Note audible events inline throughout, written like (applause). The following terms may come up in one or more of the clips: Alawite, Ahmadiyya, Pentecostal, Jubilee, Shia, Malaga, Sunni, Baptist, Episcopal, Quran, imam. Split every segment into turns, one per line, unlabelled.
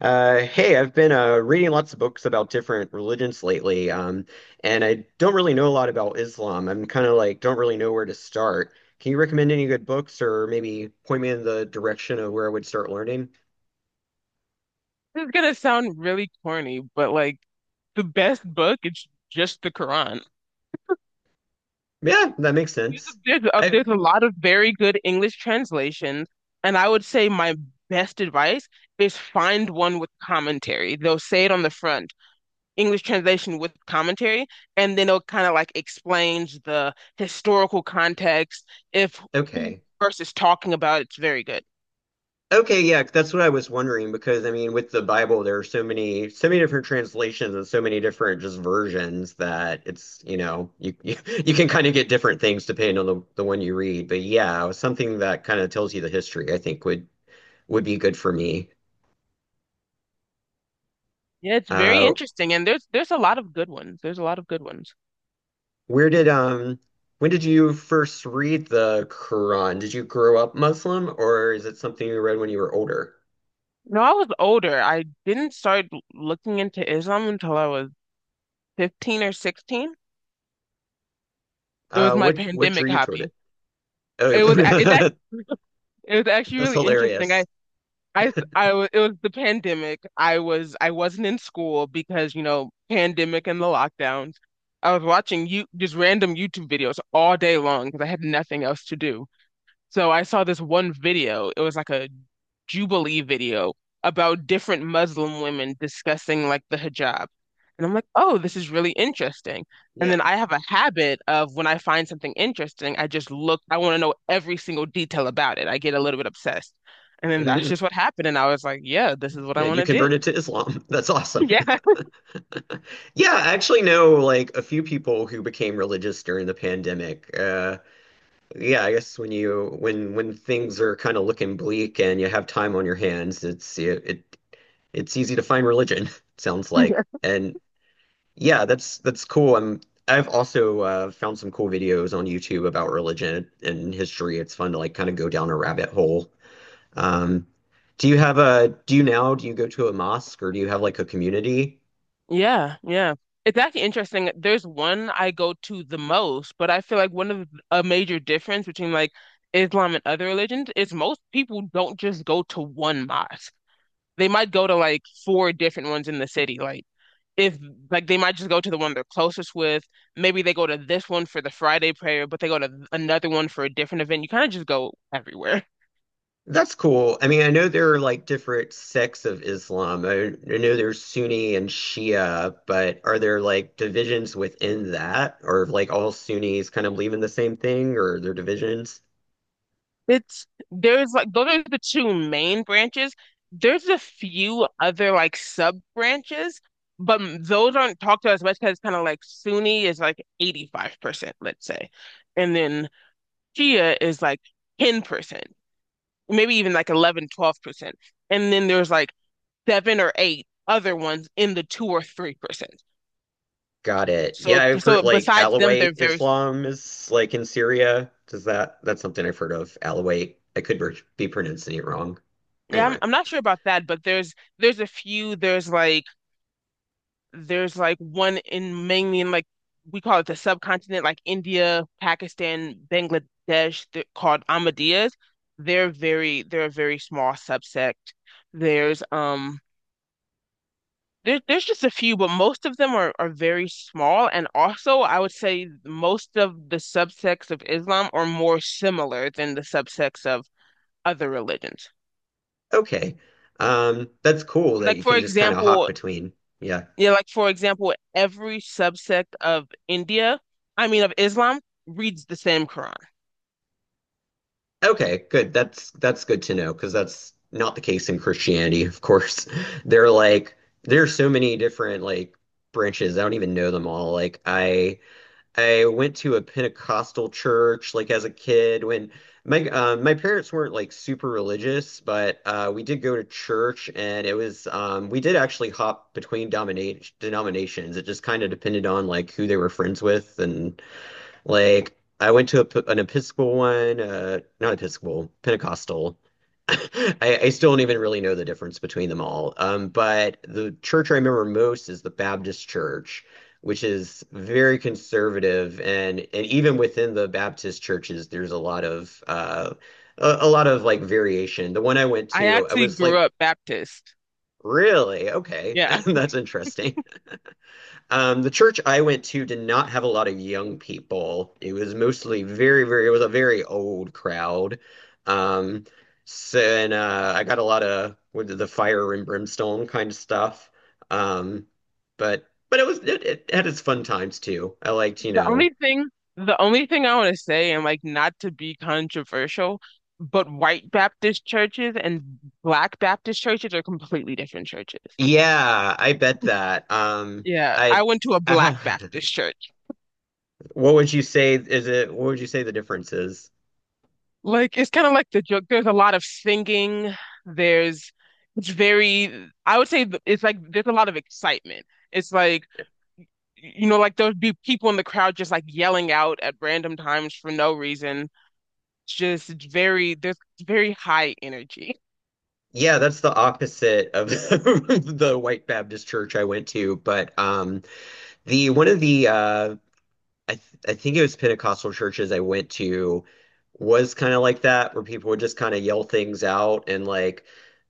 Hey, I've been reading lots of books about different religions lately, and I don't really know a lot about Islam. I'm kind of like don't really know where to start. Can you recommend any good books or maybe point me in the direction of where I would start learning?
This is gonna sound really corny, but like the best book is just the Quran.
Yeah, that makes sense.
There's there's a,
I
there's a lot of very good English translations, and I would say my best advice is find one with commentary. They'll say it on the front, English translation with commentary, and then it'll kind of like explains the historical context. If who
okay.
verse is talking about, it's very good.
Okay, yeah, that's what I was wondering because I mean, with the Bible, there are so many, so many different translations and so many different just versions that it's, you, (laughs) you can kind of get different things depending on the one you read. But yeah, something that kind of tells you the history, I think would be good for me.
Yeah, it's very
Uh,
interesting, and there's a lot of good ones. There's a lot of good ones.
where did when did you first read the Quran? Did you grow up Muslim, or is it something you read when you were older?
No, I was older. I didn't start looking into Islam until I was 15 or 16. It was
Uh,
my
what what drew
pandemic
you toward
hobby.
it?
It was a- it's
Oh, (laughs)
actually (laughs) It was actually
that's
really interesting.
hilarious.
I s- I wa- It was the pandemic. I wasn't in school because, pandemic and the lockdowns. I was watching you just random YouTube videos all day long because I had nothing else to do. So I saw this one video. It was like a Jubilee video about different Muslim women discussing like the hijab. And I'm like, oh, this is really interesting. And
Yeah.
then I have a habit of when I find something interesting, I just look, I want to know every single detail about it. I get a little bit obsessed. And then that's just
(laughs)
what happened. And I was like, yeah, this is what I
And
want
you
to do.
converted to Islam. That's awesome.
(laughs)
(laughs) Yeah, I actually know like a few people who became religious during the pandemic. Yeah, I guess when you when things are kind of looking bleak and you have time on your hands, it's it, it it's easy to find religion, (laughs) sounds like.
Yeah.
And yeah, that's cool. I've also found some cool videos on YouTube about religion and history. It's fun to like kind of go down a rabbit hole. Um, do you go to a mosque or do you have like a community?
Yeah, yeah. It's actually interesting. There's one I go to the most, but I feel like one of a major difference between like Islam and other religions is most people don't just go to one mosque. They might go to like four different ones in the city. Like if like they might just go to the one they're closest with. Maybe they go to this one for the Friday prayer, but they go to another one for a different event. You kind of just go everywhere.
That's cool. I mean, I know there are like different sects of Islam. I know there's Sunni and Shia, but are there like divisions within that? Or if, like all Sunnis kind of believe in the same thing or are there divisions?
It's there's like those are the two main branches. There's a few other like sub branches, but those aren't talked to as much because kind of like Sunni is like 85%, let's say. And then Shia is like 10%, maybe even like 11, 12%. And then there's like seven or eight other ones in the 2 or 3%.
Got it.
So
Yeah, I've heard
so
like
besides them, they're
Alawite
very
Islam is like in Syria. That's something I've heard of. Alawite. I could be pronouncing it wrong.
yeah, I'm,
Anyway.
I'm not sure about that, but there's a few, there's like one in mainly in like we call it the subcontinent, like India, Pakistan, Bangladesh, they're called Ahmadiyas. They're a very small subsect. There's there's just a few, but most of them are very small. And also, I would say most of the subsects of Islam are more similar than the subsects of other religions.
Okay. That's cool that
Like,
you
for
can just kind of hop
example,
between. Yeah.
Yeah, like for example, every subsect of India, I mean of Islam, reads the same Quran.
Okay, good. That's good to know because that's not the case in Christianity, of course. (laughs) They're like there are so many different like branches. I don't even know them all. I went to a Pentecostal church like as a kid when my my parents weren't like super religious, but we did go to church and it was we did actually hop between dominate denominations. It just kind of depended on like who they were friends with and like I went to an Episcopal one, not Episcopal, Pentecostal. (laughs) I still don't even really know the difference between them all. But the church I remember most is the Baptist church, which is very conservative, and even within the Baptist churches, there's a lot of a lot of like variation. The one I went
I
to, I
actually
was
grew
like,
up Baptist.
really? Okay,
Yeah.
(laughs) that's interesting. The church I went to did not have a lot of young people. It was mostly very, very, it was a very old crowd. Um, so, and I got a lot of with the fire and brimstone kind of stuff. Um, but it was it had its fun times too. I liked, you
The
know.
only thing, the only thing, I want to say, and like not to be controversial, but white Baptist churches and black Baptist churches are completely different churches.
Yeah, I bet that.
Yeah,
I,
I went to a
I
black
have,
Baptist church.
(laughs) what would you say is it? What would you say the difference is?
Like it's kind of like the joke. There's a lot of singing. There's it's very, I would say it's like there's a lot of excitement. It's like like there would be people in the crowd just like yelling out at random times for no reason. There's very high energy.
Yeah, that's the opposite of (laughs) the white Baptist church I went to. But the one of the I think it was Pentecostal churches I went to was kind of like that, where people would just kind of yell things out, and like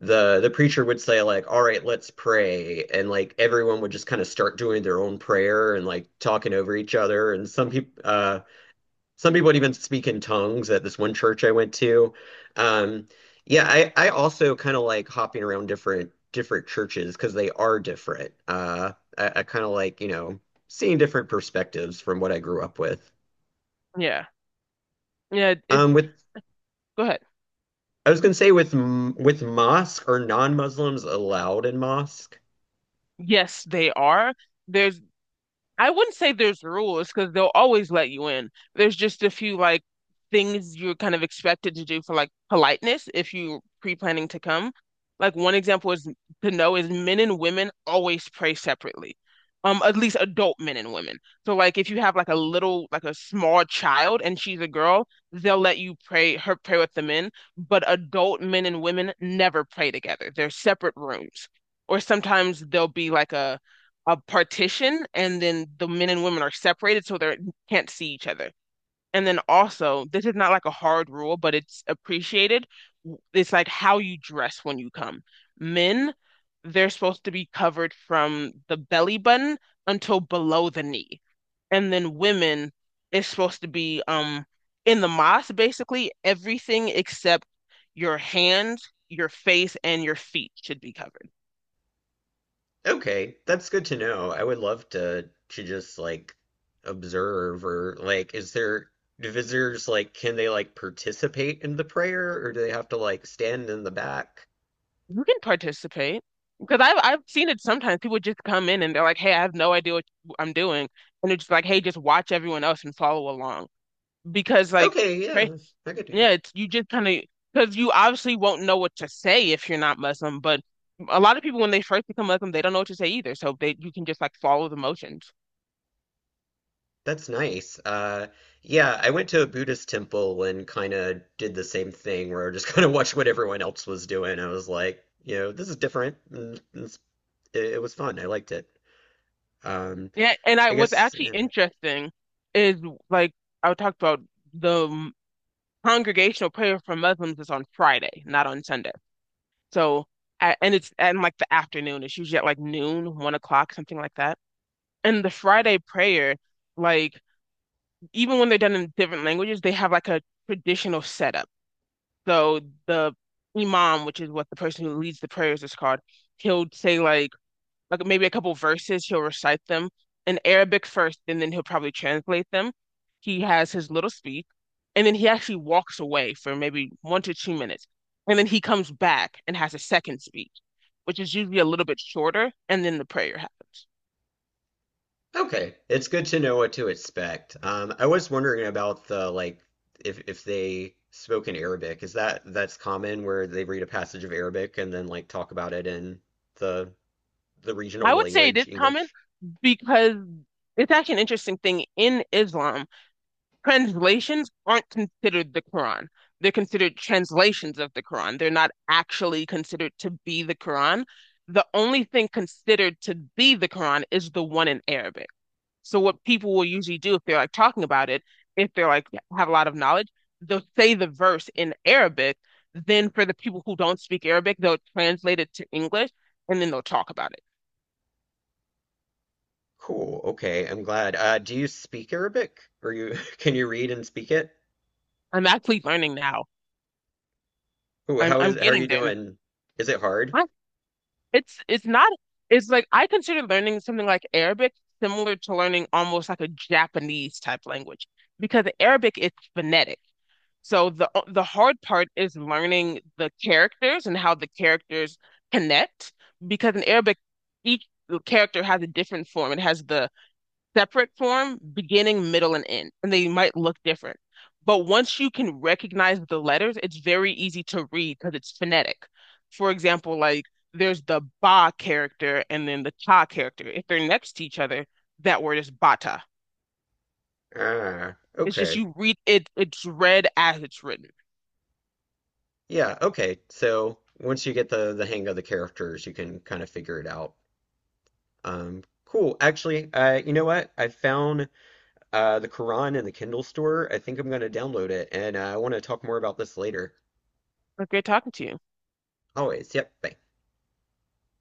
the preacher would say like, "All right, let's pray," and like everyone would just kind of start doing their own prayer and like talking over each other. And some people would even speak in tongues at this one church I went to. Um, yeah, I also kind of like hopping around different churches because they are different. I kind of like, you know, seeing different perspectives from what I grew up with.
Yeah. Yeah.
Um,
It's,
with
go ahead.
I was gonna say with mosque are non-Muslims allowed in mosque?
Yes, they are. There's I wouldn't say there's rules because they'll always let you in. There's just a few like things you're kind of expected to do for like politeness if you're pre-planning to come. Like one example is to know is men and women always pray separately. At least adult men and women. So like if you have like a little like a small child and she's a girl, they'll let you pray with the men, but adult men and women never pray together. They're separate rooms. Or sometimes there'll be like a partition and then the men and women are separated so they can't see each other. And then also, this is not like a hard rule, but it's appreciated. It's like how you dress when you come. Men, they're supposed to be covered from the belly button until below the knee. And then women is supposed to be in the mosque basically everything except your hands, your face, and your feet should be covered.
Okay, that's good to know. I would love to just like observe or like is there do visitors like can they like participate in the prayer or do they have to like stand in the back?
You can participate because I've seen it sometimes. People just come in and they're like, "Hey, I have no idea what I'm doing," and they're just like, "Hey, just watch everyone else and follow along." Because like,
Okay,
pray,
yeah, I could do
yeah,
that.
it's you just kind of because you obviously won't know what to say if you're not Muslim. But a lot of people when they first become Muslim, they don't know what to say either. So they you can just like follow the motions.
That's nice. Yeah, I went to a Buddhist temple and kind of did the same thing where I just (laughs) kind of watched what everyone else was doing. I was like, you know, this is different. It was fun. I liked it. Um,
Yeah, and I
I
what's
guess.
actually
Yeah.
interesting is like I would talk about the congregational prayer for Muslims is on Friday, not on Sunday. So, and it's and like the afternoon. It's usually at like noon, 1 o'clock, something like that. And the Friday prayer, like even when they're done in different languages, they have like a traditional setup. So the imam, which is what the person who leads the prayers is called, he'll say like maybe a couple verses, he'll recite them in Arabic first, and then he'll probably translate them. He has his little speech, and then he actually walks away for maybe 1 to 2 minutes. And then he comes back and has a second speech, which is usually a little bit shorter, and then the prayer happens.
Okay, it's good to know what to expect. I was wondering about the like if they spoke in Arabic. Is that that's common where they read a passage of Arabic and then like talk about it in the the
I
regional
would say it is
language,
common
English?
because it's actually an interesting thing in Islam translations aren't considered the Quran. They're considered translations of the Quran. They're not actually considered to be the Quran. The only thing considered to be the Quran is the one in Arabic. So what people will usually do if they're like talking about it, if they're like have a lot of knowledge, they'll say the verse in Arabic. Then for the people who don't speak Arabic, they'll translate it to English and then they'll talk about it.
Cool. Okay, I'm glad. Do you speak Arabic? Or you (laughs) can you read and speak it?
I'm actually learning now.
Ooh,
I'm
how
I'm
is how are you
getting there.
doing? Is it hard?
I it's not it's like I consider learning something like Arabic similar to learning almost like a Japanese type language because Arabic is phonetic. So the hard part is learning the characters and how the characters connect because in Arabic each character has a different form. It has the separate form, beginning, middle, and end, and they might look different. But once you can recognize the letters, it's very easy to read because it's phonetic. For example, like there's the ba character and then the ta character. If they're next to each other, that word is bata.
Ah,
It's just
okay.
you read it, it's read as it's written.
Yeah, okay. So once you get the hang of the characters, you can kind of figure it out. Cool. Actually, you know what? I found the Quran in the Kindle store. I think I'm going to download it, and I want to talk more about this later.
But great talking to you.
Always. Yep. Bye.